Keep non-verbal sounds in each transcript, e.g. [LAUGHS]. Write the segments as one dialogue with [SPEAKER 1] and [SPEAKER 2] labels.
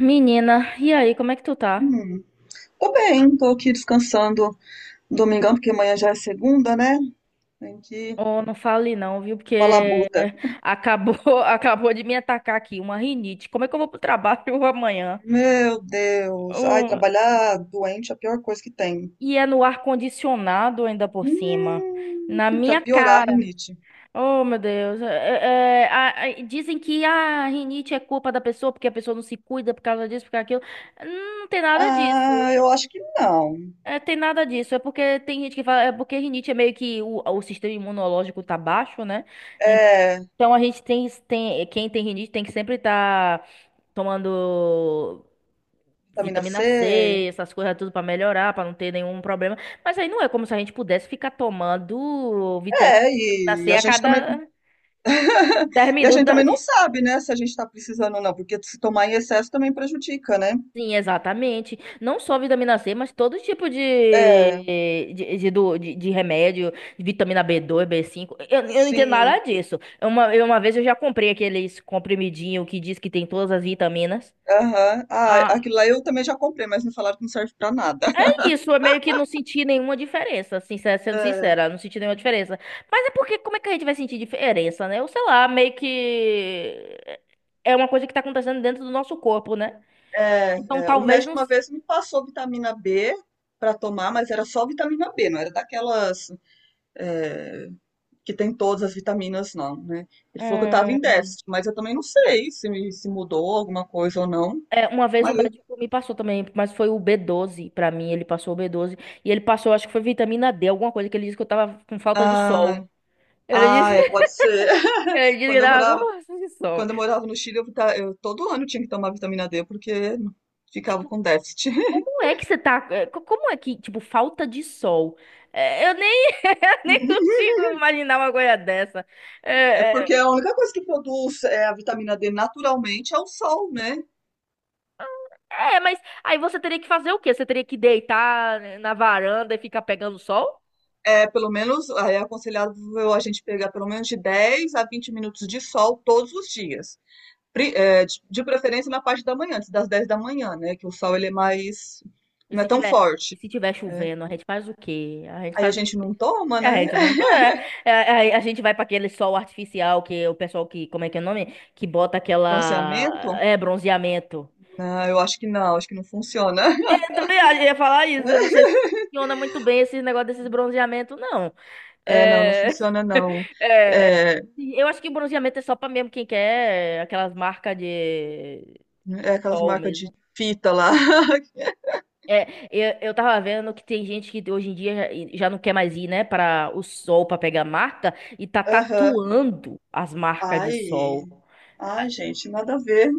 [SPEAKER 1] Menina, e aí, como é que tu tá?
[SPEAKER 2] Hum. Tô bem, tô aqui descansando domingão, porque amanhã já é segunda, né? Tem que
[SPEAKER 1] Oh, não fale não, viu?
[SPEAKER 2] falar
[SPEAKER 1] Porque
[SPEAKER 2] buta.
[SPEAKER 1] acabou, [LAUGHS] acabou de me atacar aqui uma rinite. Como é que eu vou pro trabalho [LAUGHS] amanhã?
[SPEAKER 2] Meu Deus, ai,
[SPEAKER 1] Oh,
[SPEAKER 2] trabalhar doente é a pior coisa que tem.
[SPEAKER 1] e é no ar-condicionado ainda por cima. Na
[SPEAKER 2] Pra
[SPEAKER 1] minha
[SPEAKER 2] piorar a
[SPEAKER 1] cara.
[SPEAKER 2] rinite.
[SPEAKER 1] Oh, meu Deus. Dizem que a rinite é culpa da pessoa, porque a pessoa não se cuida por causa disso, por causa daquilo. Não tem nada disso.
[SPEAKER 2] Ah, eu acho que não.
[SPEAKER 1] É, tem nada disso. É porque tem gente que fala. É porque rinite é meio que o sistema imunológico tá baixo, né?
[SPEAKER 2] É,
[SPEAKER 1] Então a gente tem, tem quem tem rinite tem que sempre estar tomando
[SPEAKER 2] vitamina C.
[SPEAKER 1] vitamina C, essas coisas tudo pra melhorar, pra não ter nenhum problema. Mas aí não é como se a gente pudesse ficar tomando
[SPEAKER 2] É,
[SPEAKER 1] vitamina
[SPEAKER 2] e
[SPEAKER 1] C
[SPEAKER 2] a
[SPEAKER 1] a
[SPEAKER 2] gente também.
[SPEAKER 1] cada
[SPEAKER 2] [LAUGHS]
[SPEAKER 1] 10
[SPEAKER 2] E a
[SPEAKER 1] minutos
[SPEAKER 2] gente também não sabe, né, se a gente tá precisando ou não, porque se tomar em excesso também prejudica, né?
[SPEAKER 1] Sim, exatamente. Não só vitamina C, mas todo tipo
[SPEAKER 2] É,
[SPEAKER 1] de remédio, vitamina B2 B5. Eu não entendo nada
[SPEAKER 2] sim.
[SPEAKER 1] disso. Uma vez eu já comprei aqueles comprimidinho que diz que tem todas as vitaminas.
[SPEAKER 2] Aham. Ah,
[SPEAKER 1] Ah,
[SPEAKER 2] aquilo lá eu também já comprei, mas me falaram que não serve pra nada.
[SPEAKER 1] isso, eu meio que não senti nenhuma diferença, sincera, sendo
[SPEAKER 2] É,
[SPEAKER 1] sincera, não senti nenhuma diferença. Mas é porque, como é que a gente vai sentir diferença, né? Eu sei lá, meio que é uma coisa que tá acontecendo dentro do nosso corpo, né?
[SPEAKER 2] é,
[SPEAKER 1] Então
[SPEAKER 2] é. O
[SPEAKER 1] talvez
[SPEAKER 2] médico
[SPEAKER 1] não.
[SPEAKER 2] uma vez me passou vitamina B para tomar, mas era só vitamina B, não era daquelas é, que tem todas as vitaminas, não, né? Ele falou que eu tava em
[SPEAKER 1] Hum,
[SPEAKER 2] déficit, mas eu também não sei se, me- se mudou alguma coisa ou não.
[SPEAKER 1] é, uma vez o
[SPEAKER 2] Mas,
[SPEAKER 1] médico me passou também, mas foi o B12 pra mim, ele passou o B12 e ele passou, acho que foi vitamina D, alguma coisa que ele disse que eu tava com falta de
[SPEAKER 2] ah,
[SPEAKER 1] sol. Ele
[SPEAKER 2] ah,
[SPEAKER 1] disse,
[SPEAKER 2] é,
[SPEAKER 1] [LAUGHS]
[SPEAKER 2] pode ser. [LAUGHS]
[SPEAKER 1] ele disse que
[SPEAKER 2] Quando
[SPEAKER 1] eu
[SPEAKER 2] eu
[SPEAKER 1] tava com
[SPEAKER 2] morava,
[SPEAKER 1] falta de sol.
[SPEAKER 2] quando eu morava no Chile, eu, vita- eu todo ano tinha que tomar vitamina D, porque ficava
[SPEAKER 1] Tipo,
[SPEAKER 2] com déficit.
[SPEAKER 1] como é que você tá? Como é que, tipo, falta de sol? É, eu nem, [LAUGHS] eu nem
[SPEAKER 2] [LAUGHS]
[SPEAKER 1] consigo imaginar uma coisa dessa.
[SPEAKER 2] É
[SPEAKER 1] É, é,
[SPEAKER 2] porque a única coisa que produz a vitamina D naturalmente é o sol, né?
[SPEAKER 1] mas aí você teria que fazer o quê? Você teria que deitar na varanda e ficar pegando sol?
[SPEAKER 2] É, pelo menos é aconselhável a gente pegar pelo menos de 10 a 20 minutos de sol todos os dias. Pri- é, de preferência na parte da manhã, antes das 10 da manhã, né? Que o sol ele é mais, não é tão
[SPEAKER 1] E
[SPEAKER 2] forte.
[SPEAKER 1] se tiver
[SPEAKER 2] Né?
[SPEAKER 1] chovendo, a gente faz o quê? A gente
[SPEAKER 2] Aí a
[SPEAKER 1] faz o...
[SPEAKER 2] gente não toma,
[SPEAKER 1] A
[SPEAKER 2] né?
[SPEAKER 1] gente não...
[SPEAKER 2] [LAUGHS]
[SPEAKER 1] A gente vai para aquele sol artificial que o pessoal que... Como é que é o nome? Que bota aquela...
[SPEAKER 2] Bronzeamento?
[SPEAKER 1] É, bronzeamento.
[SPEAKER 2] Não, eu acho que não funciona.
[SPEAKER 1] Eu
[SPEAKER 2] [LAUGHS]
[SPEAKER 1] também ia falar isso. Eu não sei se funciona muito bem esse negócio desses bronzeamentos, não.
[SPEAKER 2] É, não, não
[SPEAKER 1] É...
[SPEAKER 2] funciona não.
[SPEAKER 1] [LAUGHS]
[SPEAKER 2] É,
[SPEAKER 1] Eu acho que bronzeamento é só pra mesmo quem quer aquelas marcas de
[SPEAKER 2] é aquelas
[SPEAKER 1] sol
[SPEAKER 2] marcas de
[SPEAKER 1] mesmo.
[SPEAKER 2] fita lá. [LAUGHS]
[SPEAKER 1] É, eu tava vendo que tem gente que hoje em dia já não quer mais ir, né, para o sol pra pegar marca e tá
[SPEAKER 2] Aham.
[SPEAKER 1] tatuando as marcas de sol.
[SPEAKER 2] Ai, ai, gente, nada a ver.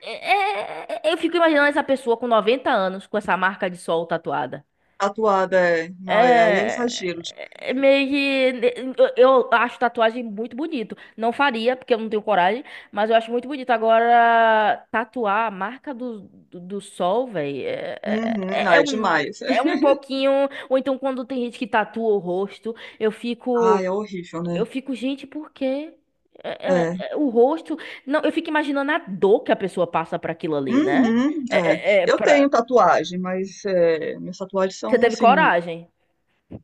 [SPEAKER 1] Eu fico imaginando essa pessoa com 90 anos com essa marca de sol tatuada.
[SPEAKER 2] Atuada é. Não, é, aí é
[SPEAKER 1] É,
[SPEAKER 2] exagero demais.
[SPEAKER 1] é meio que eu acho tatuagem muito bonito. Não faria, porque eu não tenho coragem, mas eu acho muito bonito. Agora, tatuar a marca do sol, velho,
[SPEAKER 2] Uhum, não, é
[SPEAKER 1] um,
[SPEAKER 2] demais.
[SPEAKER 1] é um
[SPEAKER 2] [LAUGHS]
[SPEAKER 1] pouquinho. Ou então, quando tem gente que tatua o rosto,
[SPEAKER 2] Ai, é horrível,
[SPEAKER 1] eu
[SPEAKER 2] né?
[SPEAKER 1] fico, gente, por quê?
[SPEAKER 2] É.
[SPEAKER 1] O rosto. Não, eu fico imaginando a dor que a pessoa passa pra aquilo ali, né?
[SPEAKER 2] Uhum, é.
[SPEAKER 1] É
[SPEAKER 2] Eu
[SPEAKER 1] pra...
[SPEAKER 2] tenho tatuagem, mas é, minhas tatuagens
[SPEAKER 1] Você
[SPEAKER 2] são
[SPEAKER 1] teve
[SPEAKER 2] assim.
[SPEAKER 1] coragem.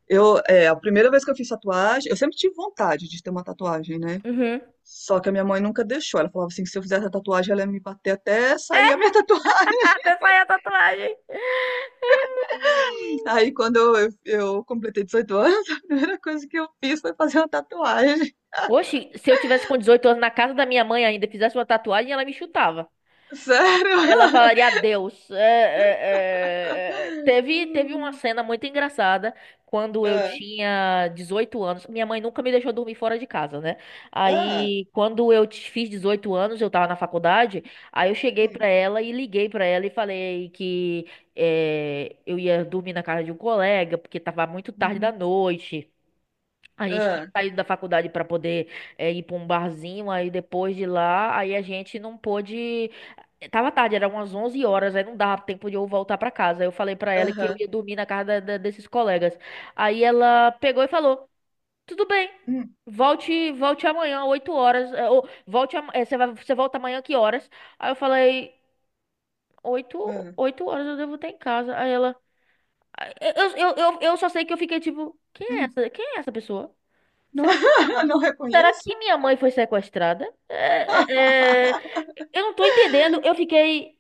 [SPEAKER 2] Eu, é, a primeira vez que eu fiz tatuagem, eu sempre tive vontade de ter uma tatuagem, né?
[SPEAKER 1] Uhum.
[SPEAKER 2] Só que a minha mãe nunca deixou. Ela falava assim, que se eu fizesse a tatuagem, ela ia me bater até sair a minha [LAUGHS] tatuagem.
[SPEAKER 1] Até sair a tatuagem.
[SPEAKER 2] Aí quando eu, eu completei 18 anos, [LAUGHS] a primeira coisa que eu fiz foi fazer uma tatuagem.
[SPEAKER 1] Oxi, se eu tivesse com 18 anos na casa da minha mãe ainda, e fizesse uma tatuagem, ela me chutava.
[SPEAKER 2] Sério?
[SPEAKER 1] Ela
[SPEAKER 2] [LAUGHS]
[SPEAKER 1] falaria adeus. Teve, teve uma
[SPEAKER 2] Hum.
[SPEAKER 1] cena muito engraçada quando eu
[SPEAKER 2] Ah.
[SPEAKER 1] tinha 18 anos. Minha mãe nunca me deixou dormir fora de casa, né?
[SPEAKER 2] Ah.
[SPEAKER 1] Aí, quando eu fiz 18 anos, eu tava na faculdade. Aí eu cheguei pra
[SPEAKER 2] Hum,
[SPEAKER 1] ela e liguei pra ela e falei que é, eu ia dormir na casa de um colega, porque tava muito tarde da
[SPEAKER 2] uhum,
[SPEAKER 1] noite. A gente tinha
[SPEAKER 2] hã,
[SPEAKER 1] saído da faculdade para poder é, ir para um barzinho, aí depois de lá, aí a gente não pôde. Tava tarde, era umas 11 horas, aí não dava tempo de eu voltar pra casa. Eu falei pra ela que eu
[SPEAKER 2] aham,
[SPEAKER 1] ia dormir na casa desses colegas. Aí ela pegou e falou: "Tudo bem.
[SPEAKER 2] hum,
[SPEAKER 1] Volte, volte amanhã, 8 horas, é, ou volte, você vai, você volta amanhã que horas?" Aí eu falei: oito,
[SPEAKER 2] hã,
[SPEAKER 1] oito horas eu devo estar em casa." Aí ela eu só sei que eu fiquei tipo, quem é
[SPEAKER 2] hum.
[SPEAKER 1] essa? Quem é essa pessoa?
[SPEAKER 2] Não
[SPEAKER 1] Será que,
[SPEAKER 2] [LAUGHS] não
[SPEAKER 1] será que
[SPEAKER 2] reconheço.
[SPEAKER 1] minha mãe foi sequestrada? É, é, eu não tô entendendo. Eu fiquei.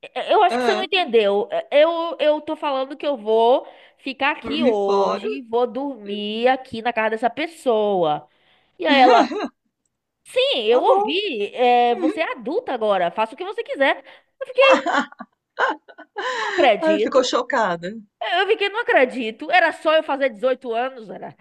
[SPEAKER 1] É, eu acho que você não
[SPEAKER 2] Hã,
[SPEAKER 1] entendeu. É, eu tô falando que eu vou ficar aqui
[SPEAKER 2] dormi fora.
[SPEAKER 1] hoje, vou dormir aqui na casa dessa pessoa. E aí ela, sim,
[SPEAKER 2] Tá
[SPEAKER 1] eu
[SPEAKER 2] bom.
[SPEAKER 1] ouvi. É, você é adulta agora, faça o que você quiser. Eu fiquei,
[SPEAKER 2] [LAUGHS]
[SPEAKER 1] não
[SPEAKER 2] Ai, ficou
[SPEAKER 1] acredito.
[SPEAKER 2] chocada.
[SPEAKER 1] Eu fiquei, não acredito. Era só eu fazer 18 anos, era.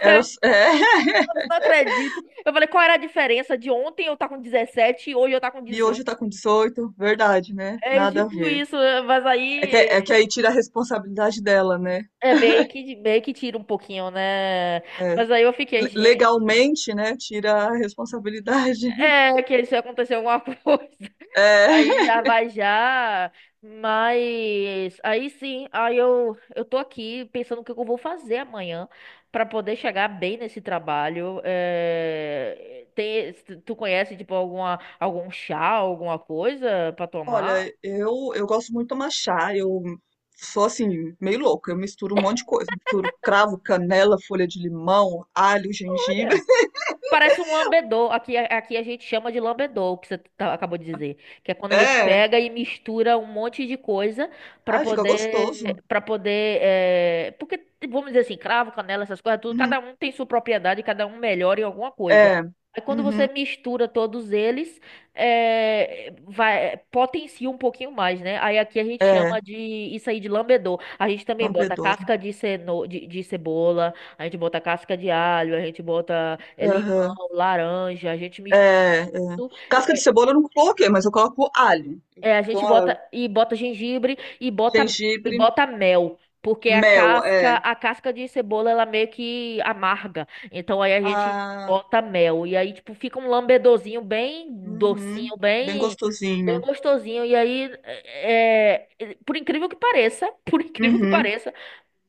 [SPEAKER 2] Era é, [LAUGHS]
[SPEAKER 1] Eu não acredito. Eu falei, qual era a diferença de ontem eu tá com 17 e hoje eu tá com
[SPEAKER 2] e
[SPEAKER 1] 18.
[SPEAKER 2] hoje tá com 18 verdade, né,
[SPEAKER 1] É
[SPEAKER 2] nada a
[SPEAKER 1] tipo
[SPEAKER 2] ver.
[SPEAKER 1] isso, mas aí
[SPEAKER 2] É que aí tira a responsabilidade dela, né.
[SPEAKER 1] é meio que tira um pouquinho, né?
[SPEAKER 2] É,
[SPEAKER 1] Mas aí eu fiquei,
[SPEAKER 2] le
[SPEAKER 1] gente.
[SPEAKER 2] legalmente, né, tira a responsabilidade. [LAUGHS]
[SPEAKER 1] É, que se acontecer alguma coisa, [LAUGHS]
[SPEAKER 2] É.
[SPEAKER 1] aí já vai já. Mas aí sim, aí eu tô aqui pensando o que eu vou fazer amanhã pra poder chegar bem nesse trabalho. É, tem, tu conhece, tipo, alguma, algum chá, alguma coisa pra
[SPEAKER 2] Olha,
[SPEAKER 1] tomar?
[SPEAKER 2] eu gosto muito de tomar chá, eu sou assim, meio louca, eu misturo um monte de coisa. Misturo cravo, canela, folha de limão, alho, gengibre.
[SPEAKER 1] Olha,
[SPEAKER 2] [LAUGHS]
[SPEAKER 1] parece um lambedor. Aqui, aqui a gente chama de lambedor, o que você acabou de dizer. Que é quando a gente
[SPEAKER 2] É,
[SPEAKER 1] pega e mistura um monte de coisa pra
[SPEAKER 2] ai, fica gostoso.
[SPEAKER 1] poder, para poder, é, porque vamos dizer assim, cravo, canela, essas coisas, tudo.
[SPEAKER 2] Uhum.
[SPEAKER 1] Cada um tem sua propriedade, cada um melhora em alguma coisa.
[SPEAKER 2] É,
[SPEAKER 1] Aí quando você
[SPEAKER 2] uhum.
[SPEAKER 1] mistura todos eles, é, vai, potencia um pouquinho mais, né? Aí aqui a gente
[SPEAKER 2] É,
[SPEAKER 1] chama de isso aí de lambedor. A gente
[SPEAKER 2] dá
[SPEAKER 1] também
[SPEAKER 2] um
[SPEAKER 1] bota
[SPEAKER 2] bedouro.
[SPEAKER 1] casca de, ceno, de cebola, a gente bota casca de alho, a gente bota é,
[SPEAKER 2] Aham.
[SPEAKER 1] limão laranja, a gente mistura,
[SPEAKER 2] É, é. Casca de
[SPEAKER 1] é,
[SPEAKER 2] cebola eu não coloquei, mas eu coloco alho. Eu
[SPEAKER 1] a
[SPEAKER 2] dou
[SPEAKER 1] gente bota
[SPEAKER 2] uma-
[SPEAKER 1] e bota gengibre e bota
[SPEAKER 2] gengibre,
[SPEAKER 1] mel, porque
[SPEAKER 2] mel, é.
[SPEAKER 1] a casca de cebola ela meio que amarga. Então aí a gente
[SPEAKER 2] Ah,
[SPEAKER 1] bota mel e aí tipo fica um lambedorzinho bem
[SPEAKER 2] uhum.
[SPEAKER 1] docinho,
[SPEAKER 2] Bem
[SPEAKER 1] bem bem
[SPEAKER 2] gostosinho.
[SPEAKER 1] gostosinho. E aí por incrível que pareça, [LAUGHS] por incrível que
[SPEAKER 2] Uhum.
[SPEAKER 1] pareça,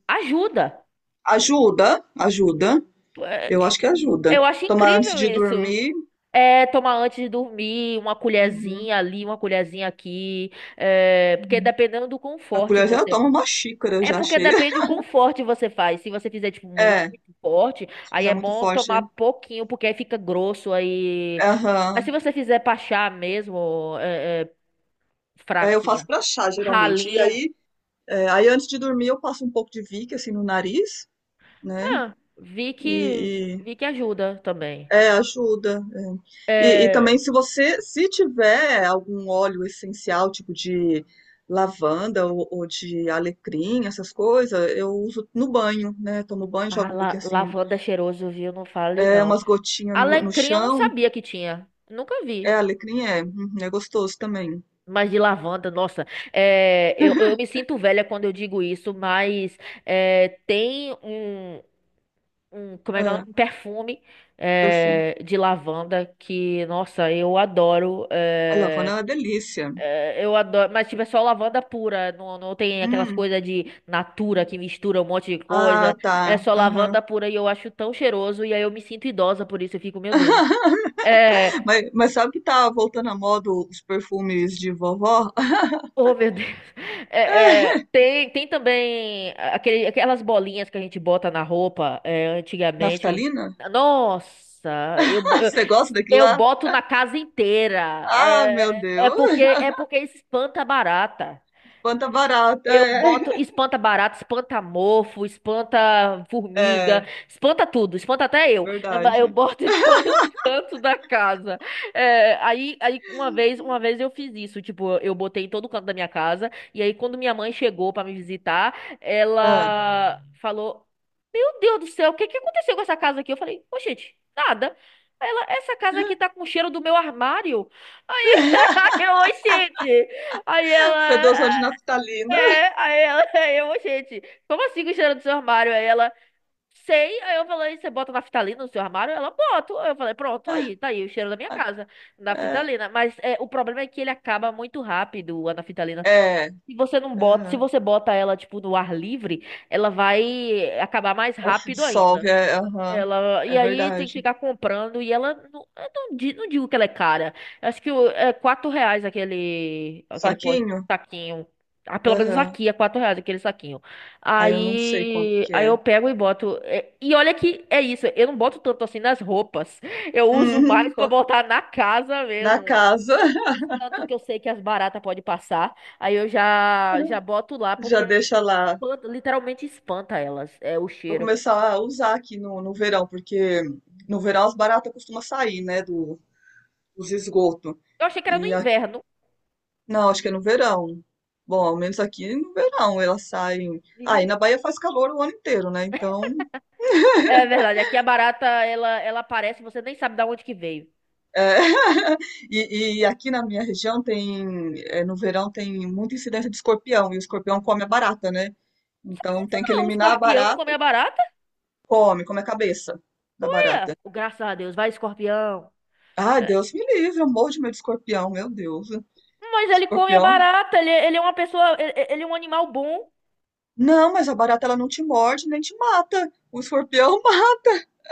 [SPEAKER 1] ajuda.
[SPEAKER 2] Ajuda, ajuda.
[SPEAKER 1] É,
[SPEAKER 2] Eu acho que ajuda.
[SPEAKER 1] eu acho
[SPEAKER 2] Tomar antes
[SPEAKER 1] incrível
[SPEAKER 2] de
[SPEAKER 1] isso.
[SPEAKER 2] dormir.
[SPEAKER 1] É, tomar antes de dormir, uma
[SPEAKER 2] Uhum,
[SPEAKER 1] colherzinha ali, uma colherzinha aqui. É, porque
[SPEAKER 2] uhum.
[SPEAKER 1] dependendo do quão
[SPEAKER 2] A
[SPEAKER 1] forte
[SPEAKER 2] colher já
[SPEAKER 1] você.
[SPEAKER 2] toma uma xícara
[SPEAKER 1] É
[SPEAKER 2] já
[SPEAKER 1] porque
[SPEAKER 2] cheia.
[SPEAKER 1] depende do
[SPEAKER 2] [LAUGHS]
[SPEAKER 1] quão forte você faz. Se você fizer, tipo, muito
[SPEAKER 2] É,
[SPEAKER 1] forte,
[SPEAKER 2] se
[SPEAKER 1] aí
[SPEAKER 2] fizer
[SPEAKER 1] é
[SPEAKER 2] muito
[SPEAKER 1] bom
[SPEAKER 2] forte.
[SPEAKER 1] tomar
[SPEAKER 2] É.
[SPEAKER 1] pouquinho, porque aí fica grosso. Aí. Mas se
[SPEAKER 2] Aham.
[SPEAKER 1] você fizer pra chá mesmo,
[SPEAKER 2] É, eu faço
[SPEAKER 1] fraquinha,
[SPEAKER 2] pra chá, geralmente. E
[SPEAKER 1] ralinho.
[SPEAKER 2] aí, é, aí antes de dormir, eu passo um pouco de Vick, assim, no nariz, né?
[SPEAKER 1] Ah,
[SPEAKER 2] E-
[SPEAKER 1] vi que ajuda também.
[SPEAKER 2] é, ajuda. É. E, e
[SPEAKER 1] É,
[SPEAKER 2] também, se você, se tiver algum óleo essencial, tipo de lavanda ou de alecrim, essas coisas, eu uso no banho, né? Tomo banho,
[SPEAKER 1] ah,
[SPEAKER 2] jogo um pouquinho assim,
[SPEAKER 1] lavanda é cheiroso, viu? Não fale
[SPEAKER 2] é
[SPEAKER 1] não.
[SPEAKER 2] umas gotinhas no, no
[SPEAKER 1] Alecrim eu não
[SPEAKER 2] chão.
[SPEAKER 1] sabia que tinha. Nunca
[SPEAKER 2] É
[SPEAKER 1] vi.
[SPEAKER 2] alecrim, é. Uhum, é gostoso também.
[SPEAKER 1] Mas de lavanda, nossa, é, eu me sinto velha quando eu digo isso, mas é, tem um, um, como é que é o nome?
[SPEAKER 2] Ah,
[SPEAKER 1] Um perfume
[SPEAKER 2] perfume.
[SPEAKER 1] é, de lavanda que, nossa, eu adoro.
[SPEAKER 2] Ai, lavanda
[SPEAKER 1] É,
[SPEAKER 2] é uma delícia.
[SPEAKER 1] é, eu adoro, mas tipo, é só lavanda pura, não, não tem aquelas
[SPEAKER 2] Hum.
[SPEAKER 1] coisas de natura que mistura um monte de
[SPEAKER 2] Ah,
[SPEAKER 1] coisa. É
[SPEAKER 2] tá.
[SPEAKER 1] só
[SPEAKER 2] Aham.
[SPEAKER 1] lavanda pura e eu acho tão cheiroso e aí eu me sinto idosa por isso, eu fico, meu Deus.
[SPEAKER 2] [LAUGHS]
[SPEAKER 1] É,
[SPEAKER 2] Mas sabe que tá voltando à moda os perfumes de vovó? [LAUGHS]
[SPEAKER 1] oh, meu Deus. [LAUGHS] Tem, tem também aquele, aquelas bolinhas que a gente bota na roupa, é, antigamente.
[SPEAKER 2] Naftalina?
[SPEAKER 1] Nossa, eu,
[SPEAKER 2] [LAUGHS] Você gosta daquilo
[SPEAKER 1] eu
[SPEAKER 2] lá?
[SPEAKER 1] boto na casa inteira.
[SPEAKER 2] Ah, meu Deus.
[SPEAKER 1] É porque espanta a barata.
[SPEAKER 2] Quanta barata.
[SPEAKER 1] Eu boto
[SPEAKER 2] É,
[SPEAKER 1] espanta barato, espanta mofo, espanta
[SPEAKER 2] [LAUGHS]
[SPEAKER 1] formiga,
[SPEAKER 2] é
[SPEAKER 1] espanta tudo, espanta até eu. É, mas eu
[SPEAKER 2] verdade.
[SPEAKER 1] boto em todo [LAUGHS] canto da casa. É, aí, aí uma vez eu fiz isso, tipo, eu botei em todo canto da minha casa. E aí quando minha mãe chegou pra me visitar,
[SPEAKER 2] Ah,
[SPEAKER 1] ela falou: "Meu Deus do céu, o que que aconteceu com essa casa aqui?" Eu falei: "Ô, gente, nada." Ela, essa casa aqui tá com cheiro do meu armário. [LAUGHS] Aí eu, "Ô, gente. Aí ela.
[SPEAKER 2] fedoção de naftalina.
[SPEAKER 1] É, aí ela, [LAUGHS] aí eu, gente, como assim que cheiro do seu armário? Aí ela, sei, aí eu falei, você bota naftalina no seu armário? Ela, boto. Aí eu falei, pronto, aí, tá aí o cheiro da minha casa,
[SPEAKER 2] É,
[SPEAKER 1] naftalina. Mas é, o problema é que ele acaba muito rápido, a naftalina.
[SPEAKER 2] é.
[SPEAKER 1] Se você não bota, se
[SPEAKER 2] Aham.
[SPEAKER 1] você bota ela, tipo, no ar livre, ela vai acabar mais
[SPEAKER 2] Se
[SPEAKER 1] rápido ainda.
[SPEAKER 2] dissolve, é, aham.
[SPEAKER 1] Ela, e
[SPEAKER 2] É
[SPEAKER 1] aí tem que
[SPEAKER 2] verdade.
[SPEAKER 1] ficar comprando. E ela, não, eu não, não digo que ela é cara. Eu acho que é R$ 4 aquele, aquele pote,
[SPEAKER 2] Saquinho?
[SPEAKER 1] saquinho. Ah, pelo menos
[SPEAKER 2] Aham.
[SPEAKER 1] aqui é R$ 4 aquele saquinho.
[SPEAKER 2] Ah, eu não sei quanto
[SPEAKER 1] Aí,
[SPEAKER 2] que
[SPEAKER 1] aí
[SPEAKER 2] é.
[SPEAKER 1] eu pego e boto. É, e olha que é isso. Eu não boto tanto assim nas roupas. [LAUGHS] Eu uso
[SPEAKER 2] Uhum,
[SPEAKER 1] mais pra
[SPEAKER 2] co-
[SPEAKER 1] botar na casa
[SPEAKER 2] na
[SPEAKER 1] mesmo.
[SPEAKER 2] casa, [LAUGHS]
[SPEAKER 1] Os cantos que eu sei que as baratas podem passar. Aí eu já, já boto lá
[SPEAKER 2] já
[SPEAKER 1] porque
[SPEAKER 2] deixa lá.
[SPEAKER 1] literalmente espanta elas. É o
[SPEAKER 2] Vou
[SPEAKER 1] cheiro.
[SPEAKER 2] começar a usar aqui no, no verão, porque no verão as baratas costumam sair, né, do, dos esgotos.
[SPEAKER 1] Eu achei que era no
[SPEAKER 2] E a-
[SPEAKER 1] inverno.
[SPEAKER 2] não, acho que é no verão. Bom, ao menos aqui no verão elas saem. Ah, e na Bahia faz calor o ano inteiro, né? Então,
[SPEAKER 1] É verdade, aqui a barata, ela aparece, você nem sabe da onde que veio.
[SPEAKER 2] é, [LAUGHS] e aqui na minha região tem, é, no verão tem muita incidência de escorpião, e o escorpião come a barata, né? Então tem que
[SPEAKER 1] Não, o
[SPEAKER 2] eliminar a
[SPEAKER 1] escorpião come
[SPEAKER 2] barata.
[SPEAKER 1] a barata,
[SPEAKER 2] Come, come a cabeça da
[SPEAKER 1] né?
[SPEAKER 2] barata.
[SPEAKER 1] Graças a Deus, vai escorpião.
[SPEAKER 2] Ai,
[SPEAKER 1] É,
[SPEAKER 2] Deus me livre, eu morro de medo de escorpião, meu Deus.
[SPEAKER 1] mas ele come a
[SPEAKER 2] Escorpião?
[SPEAKER 1] barata, ele é uma pessoa, ele é um animal bom.
[SPEAKER 2] Não, mas a barata ela não te morde nem te mata. O escorpião [LAUGHS] mata.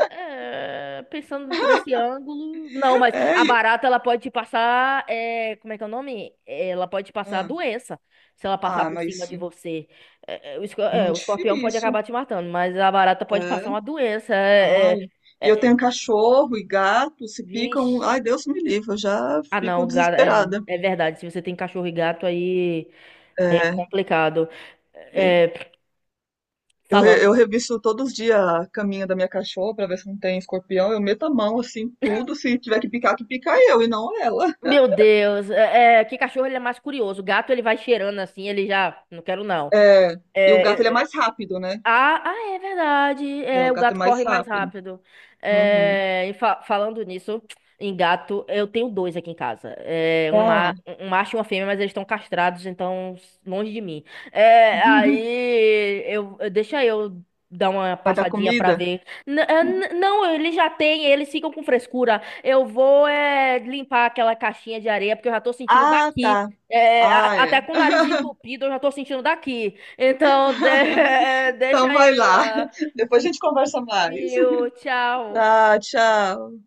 [SPEAKER 1] É, pensando por esse ângulo. Não, mas
[SPEAKER 2] É.
[SPEAKER 1] a
[SPEAKER 2] E-
[SPEAKER 1] barata, ela pode te passar, é, como é que é o nome? Ela pode te passar
[SPEAKER 2] ah,
[SPEAKER 1] doença, se ela passar
[SPEAKER 2] ah,
[SPEAKER 1] por cima
[SPEAKER 2] mas
[SPEAKER 1] de
[SPEAKER 2] é
[SPEAKER 1] você. O
[SPEAKER 2] muito
[SPEAKER 1] escorpião pode
[SPEAKER 2] difícil.
[SPEAKER 1] acabar te matando, mas a barata pode
[SPEAKER 2] É.
[SPEAKER 1] passar uma doença.
[SPEAKER 2] Ai.
[SPEAKER 1] É,
[SPEAKER 2] E eu
[SPEAKER 1] é,
[SPEAKER 2] tenho cachorro e gato, se picam.
[SPEAKER 1] Vixe.
[SPEAKER 2] Ai, Deus me livre, eu já
[SPEAKER 1] Ah,
[SPEAKER 2] fico
[SPEAKER 1] não, gato, é,
[SPEAKER 2] desesperada.
[SPEAKER 1] é verdade. Se você tem cachorro e gato, aí, aí é
[SPEAKER 2] É.
[SPEAKER 1] complicado.
[SPEAKER 2] É.
[SPEAKER 1] É,
[SPEAKER 2] Eu, re-
[SPEAKER 1] falando,
[SPEAKER 2] eu revisto todos os dias a caminha da minha cachorra pra ver se não tem escorpião. Eu meto a mão assim, tudo. Se tiver que picar, que pica eu e não ela.
[SPEAKER 1] meu Deus, é, é, que cachorro ele é mais curioso. O gato ele vai cheirando assim, ele já, não quero não.
[SPEAKER 2] É, e o gato ele é
[SPEAKER 1] É,
[SPEAKER 2] mais rápido, né?
[SPEAKER 1] ah, ah, é verdade.
[SPEAKER 2] É,
[SPEAKER 1] É,
[SPEAKER 2] o
[SPEAKER 1] o
[SPEAKER 2] gato é
[SPEAKER 1] gato
[SPEAKER 2] mais
[SPEAKER 1] corre mais
[SPEAKER 2] rápido.
[SPEAKER 1] rápido.
[SPEAKER 2] Uhum.
[SPEAKER 1] É, e falando nisso, em gato, eu tenho dois aqui em casa. É, um,
[SPEAKER 2] Ah,
[SPEAKER 1] um macho e uma fêmea, mas eles estão castrados, então longe de mim. É,
[SPEAKER 2] [LAUGHS]
[SPEAKER 1] aí eu, deixa eu dar uma
[SPEAKER 2] vai dar
[SPEAKER 1] passadinha pra
[SPEAKER 2] comida?
[SPEAKER 1] ver. Não, eles já têm, eles ficam com frescura. Eu vou é, limpar aquela caixinha de areia, porque eu já tô sentindo
[SPEAKER 2] Ah,
[SPEAKER 1] daqui.
[SPEAKER 2] tá.
[SPEAKER 1] É,
[SPEAKER 2] Ah,
[SPEAKER 1] até
[SPEAKER 2] é.
[SPEAKER 1] com o nariz entupido, eu já tô sentindo daqui. Então,
[SPEAKER 2] [LAUGHS]
[SPEAKER 1] [LAUGHS] deixa
[SPEAKER 2] Então vai
[SPEAKER 1] eu ir
[SPEAKER 2] lá.
[SPEAKER 1] lá.
[SPEAKER 2] [LAUGHS] Depois a gente conversa mais.
[SPEAKER 1] Viu? Tchau.
[SPEAKER 2] Ah, tchau.